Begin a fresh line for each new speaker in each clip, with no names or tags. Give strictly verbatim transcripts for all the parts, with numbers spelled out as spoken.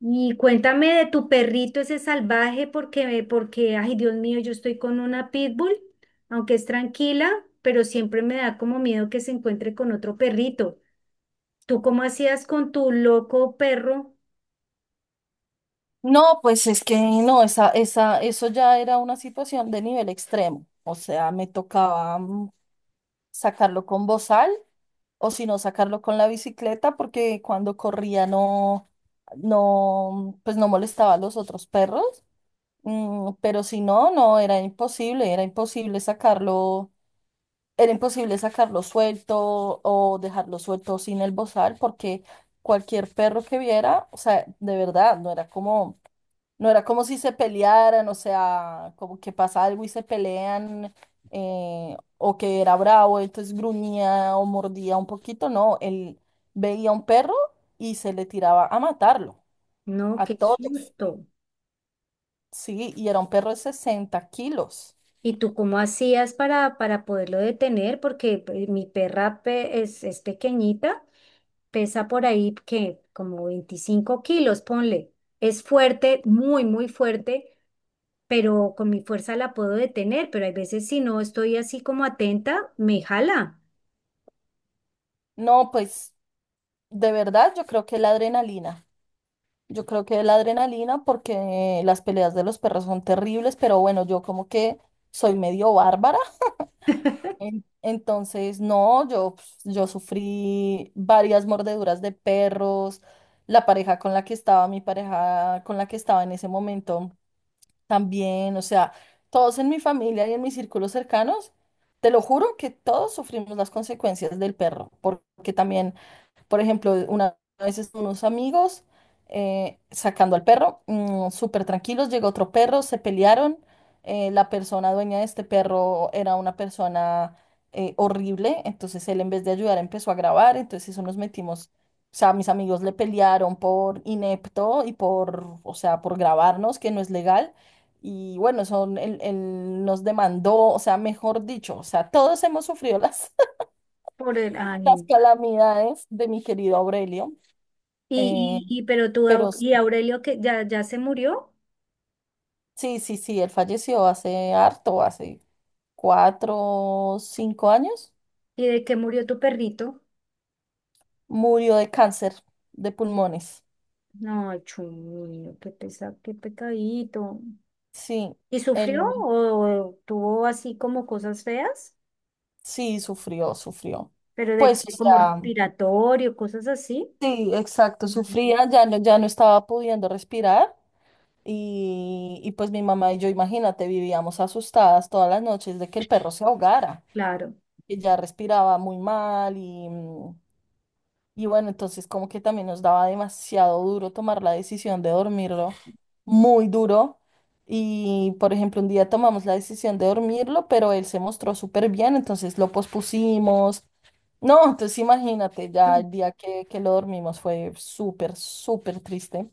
Y cuéntame de tu perrito ese salvaje, porque, porque, ay, Dios mío, yo estoy con una pitbull, aunque es tranquila, pero siempre me da como miedo que se encuentre con otro perrito. ¿Tú cómo hacías con tu loco perro?
No, pues es que no, esa, esa, eso ya era una situación de nivel extremo. O sea, me tocaba mm, sacarlo con bozal o si no sacarlo con la bicicleta porque cuando corría no, no, pues no molestaba a los otros perros. Mm, pero si no, no, era imposible, era imposible sacarlo, era imposible sacarlo suelto o dejarlo suelto sin el bozal porque cualquier perro que viera, o sea, de verdad, no era como no era como si se pelearan, o sea, como que pasa algo y se pelean, eh, o que era bravo, entonces gruñía o mordía un poquito, no, él veía un perro y se le tiraba a matarlo,
No,
a
qué
todos,
susto.
sí, y era un perro de sesenta kilos.
¿Y tú cómo hacías para, para poderlo detener? Porque pues, mi perra pe- es, es pequeñita, pesa por ahí que como veinticinco kilos, ponle. Es fuerte, muy, muy fuerte, pero con mi fuerza la puedo detener, pero hay veces si no estoy así como atenta, me jala
No, pues de verdad yo creo que la adrenalina, yo creo que la adrenalina porque las peleas de los perros son terribles, pero bueno, yo como que soy medio bárbara. En- Entonces, no, yo, pues, yo sufrí varias mordeduras de perros, la pareja con la que estaba, mi pareja con la que estaba en ese momento también, o sea, todos en mi familia y en mis círculos cercanos, te lo juro que todos sufrimos las consecuencias del perro, porque también, por ejemplo, una vez estaban unos amigos eh, sacando al perro, mm, súper tranquilos, llegó otro perro, se pelearon. Eh, la persona dueña de este perro era una persona eh, horrible, entonces él en vez de ayudar empezó a grabar, entonces eso nos metimos. O sea, mis amigos le pelearon por inepto y por, o sea, por grabarnos, que no es legal. Y bueno, son, él, él nos demandó, o sea, mejor dicho, o sea, todos hemos sufrido las,
por el...
las
Ay,
calamidades de mi querido Aurelio. Eh,
y, y, y pero tú,
pero
Au-
s-
y Aurelio, que ya, ya se murió,
sí, sí, sí, él falleció hace harto, hace cuatro, cinco años.
¿y de qué murió tu perrito?
Murió de cáncer de pulmones.
No, chulo, qué pesa, qué pecadito.
Sí,
¿Y
él
sufrió o tuvo así como cosas feas?
sí sufrió, sufrió.
Pero de
Pues,
que-
o
como
sea,
respiratorio, cosas así.
sí, exacto,
Mm.
sufría, ya no, ya no estaba pudiendo respirar. Y, y pues mi mamá y yo, imagínate, vivíamos asustadas todas las noches de que el perro se ahogara,
Claro.
que ya respiraba muy mal y mm, y bueno, entonces como que también nos daba demasiado duro tomar la decisión de dormirlo, muy duro. Y, por ejemplo, un día tomamos la decisión de dormirlo, pero él se mostró súper bien, entonces lo pospusimos. No, entonces imagínate, ya
Mm.
el día que, que lo dormimos fue súper, súper triste.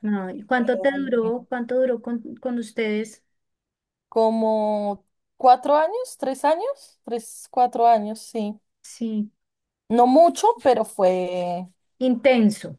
No, ¿y ¿cuánto te duró? ¿Cuánto duró con, con ustedes?
Como cuatro años, tres años, tres, cuatro años, sí.
Sí,
No mucho, pero fue
intenso.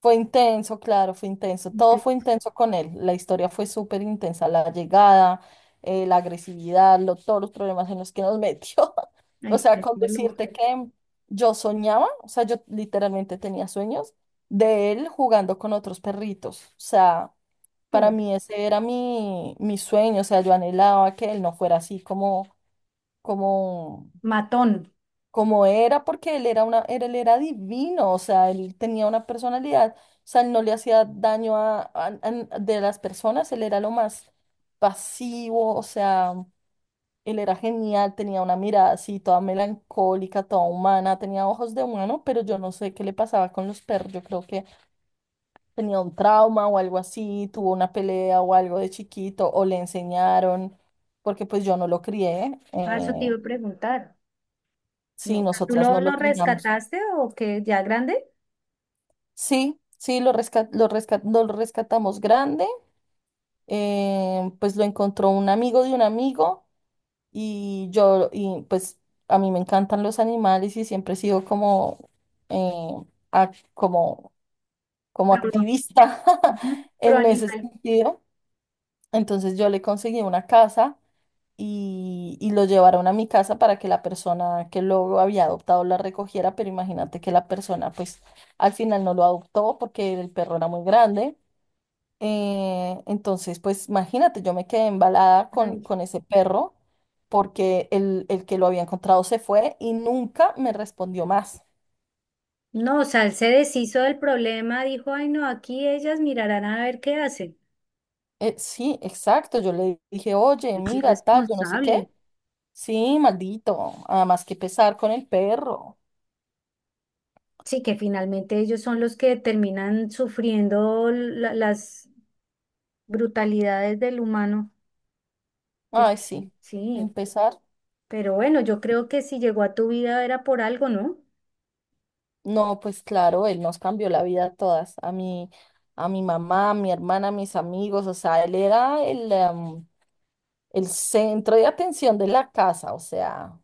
Fue intenso, claro, fue intenso. Todo fue
Entonces,
intenso con él. La historia fue súper intensa. La llegada, eh, la agresividad, lo- todos los problemas en los que nos metió. O
ay,
sea,
qué
con
loco.
decirte que yo soñaba, o sea, yo literalmente tenía sueños de él jugando con otros perritos. O sea, para mí ese era mi, mi sueño. O sea, yo anhelaba que él no fuera así como, como
Matón.
como era, porque él era una, era- él era divino, o sea, él tenía una personalidad, o sea, él no le hacía daño a, a- a- n- de las personas, él era lo más pasivo, o sea, él era genial, tenía una mirada así toda melancólica, toda humana, tenía ojos de humano, pero yo no sé qué le pasaba con los perros, yo creo que tenía un trauma o algo así, tuvo una pelea o algo de chiquito, o le enseñaron, porque pues yo no lo crié,
Ah, eso te
eh,
iba a preguntar.
sí,
No. ¿Tú
nosotras
lo,
no lo
lo
criamos.
rescataste o qué? ¿Ya grande?
Sí, sí, lo resca- lo resca- lo rescatamos grande, eh, pues lo encontró un amigo de un amigo y yo, y pues a mí me encantan los animales y siempre he sido como, eh, ac- como, como
Pro,
activista
ujú, pro
en ese
animal.
sentido. Entonces yo le conseguí una casa y, y lo llevaron a mi casa para que la persona que lo había adoptado la recogiera, pero imagínate que la persona pues al final no lo adoptó porque el perro era muy grande. Eh, entonces, pues imagínate, yo me quedé embalada con,
Ay.
con ese perro porque el, el que lo había encontrado se fue y nunca me respondió más.
No, o sea, él se deshizo del problema, dijo, ay, no, aquí ellas mirarán a ver qué hacen.
Eh, sí, exacto, yo le dije, oye,
Qué
mira, tal, yo no sé qué.
irresponsable.
Sí, maldito, además que pesar con el perro.
Sí, que finalmente ellos son los que terminan sufriendo la- las brutalidades del humano. Que,
Ay, sí, un
sí,
pesar.
pero bueno, yo creo que si llegó a tu vida era por algo, ¿no?
No, pues claro, él nos cambió la vida a todas, a mí, a mi mamá, a mi hermana, a mis amigos, o sea, él era el, em, el centro de atención de la casa, o sea.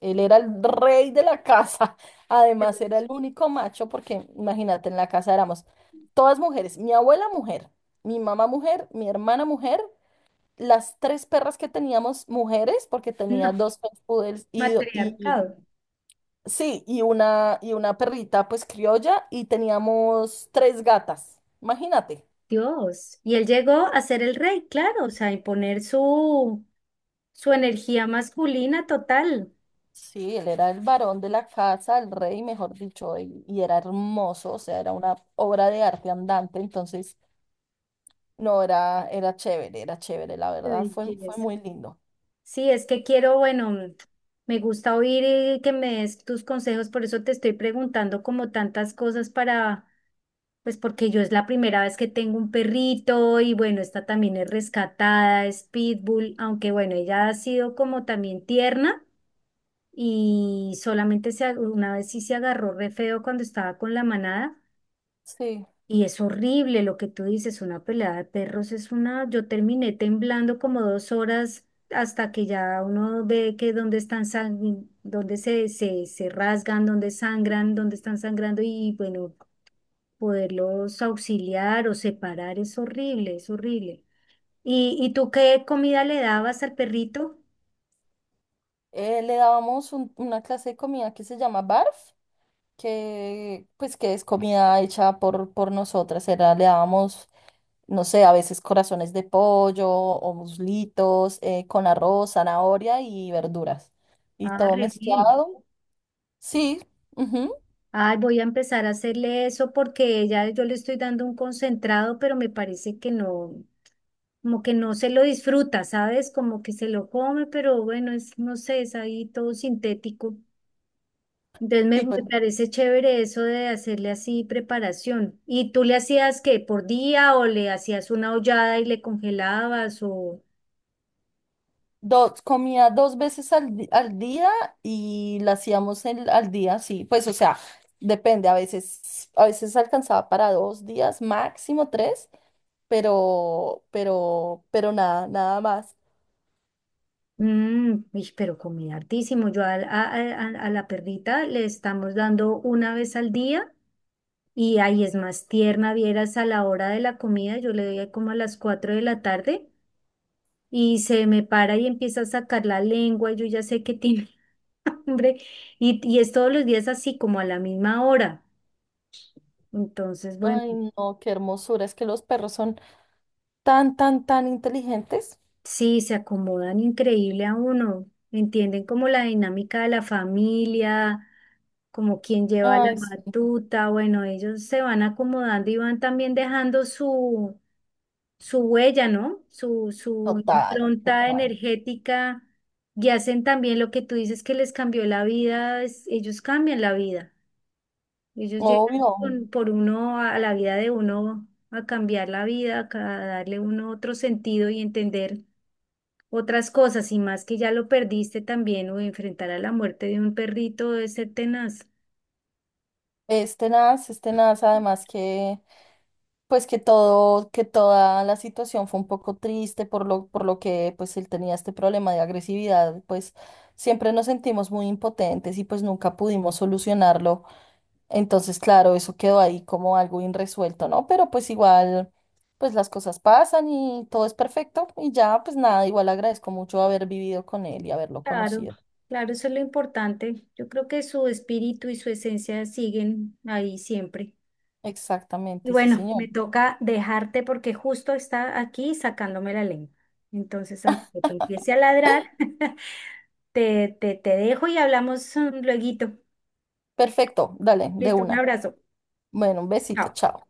Él era el rey de la casa. Además, era el único macho, porque imagínate, en la casa éramos todas mujeres. Mi abuela mujer, mi mamá mujer, mi hermana mujer, las tres perras que teníamos mujeres, porque tenía
No,
dos French poodles y, do- y y-
matriarcado.
sí, y una, y una perrita pues criolla, y teníamos tres gatas. Imagínate.
Dios. Y él llegó a ser el rey, claro, o sea, a imponer su, su energía masculina total.
Sí, él era el varón de la casa, el rey, mejor dicho, y, y era hermoso, o sea, era una obra de arte andante, entonces. No, era, era chévere, era chévere, la
Qué
verdad, fue, fue
belleza.
muy lindo.
Sí, es que quiero, bueno, mm, me gusta oír eh, que me des tus consejos, por eso te estoy preguntando como tantas cosas para, pues porque yo es la primera vez que tengo un perrito y bueno, esta también es rescatada, es pitbull, aunque bueno, ella ha sido como también tierna, y solamente se, ag- una vez sí se agarró re feo cuando estaba con la manada.
Sí.
Y es horrible lo que tú dices, una pelea de perros es una, yo terminé temblando como dos horas hasta que ya uno ve que dónde están sang- dónde se, se, se rasgan, dónde sangran, dónde están sangrando y bueno, poderlos auxiliar o separar es horrible, es horrible. ¿Y, y tú qué comida le dabas al perrito?
Eh, le dábamos un- una clase de comida que se llama barf, que pues que es comida hecha por, por nosotras. Era, le dábamos, no sé, a veces corazones de pollo o muslitos eh, con arroz, zanahoria y verduras. Y
Ah,
todo
re bien.
mezclado. Sí, ujú,
Ay, voy a empezar a hacerle eso porque ya yo le estoy dando un concentrado, pero me parece que no, como que no se lo disfruta, ¿sabes? Como que se lo come, pero bueno, es, no sé, es ahí todo sintético. Entonces me,
sí,
me
pues
parece chévere eso de hacerle así preparación. ¿Y tú le hacías qué, por día o le hacías una hollada y le congelabas o...
dos, comía dos veces al, di- al día y la hacíamos el- al día, sí. Pues, o sea, depende, a veces, a veces alcanzaba para dos días, máximo tres, pero, pero, pero nada, nada más.
Mm, uy, pero comía hartísimo. Yo al- a, a a- a la perrita le estamos dando una vez al día. Y ahí es más tierna, vieras a la hora de la comida, yo le doy ahí como a las cuatro de la tarde y se me para y empieza a sacar la lengua, yo ya sé que tiene hambre y, y es todos los días así como a la misma hora. Entonces, bueno,
Ay, no, qué hermosura, es que los perros son tan, tan, tan inteligentes.
sí, se acomodan increíble a uno, entienden como la dinámica de la familia, como quién lleva la
Ay, sí,
batuta, bueno, ellos se van acomodando y van también dejando su su huella, ¿no? Su, su
total,
impronta
total.
energética, y hacen también lo que tú dices que les cambió la vida, es- ellos cambian la vida, ellos llegan
Obvio.
con- por uno a, a la vida de uno a cambiar la vida, a darle uno otro sentido y entender otras cosas y más que ya lo perdiste también o enfrentar a la muerte de un perrito debe ser tenaz.
Este tenaz, es tenaz, además que. Pues que todo, que toda la situación fue un poco triste por lo, por lo que pues él tenía este problema de agresividad, pues siempre nos sentimos muy impotentes y pues nunca pudimos solucionarlo. Entonces, claro, eso quedó ahí como algo irresuelto, ¿no? Pero pues igual, pues las cosas pasan y todo es perfecto y ya, pues nada, igual agradezco mucho haber vivido con él y haberlo
Claro,
conocido.
claro, eso es lo importante. Yo creo que su espíritu y su esencia siguen ahí siempre. Y
Exactamente, sí,
bueno,
señor.
me toca dejarte porque justo está aquí sacándome la lengua. Entonces, antes de que empiece a ladrar, te, te, te dejo y hablamos mm, lueguito.
Perfecto, dale, de
Listo, un
una.
abrazo.
Bueno, un besito,
Chao.
chao.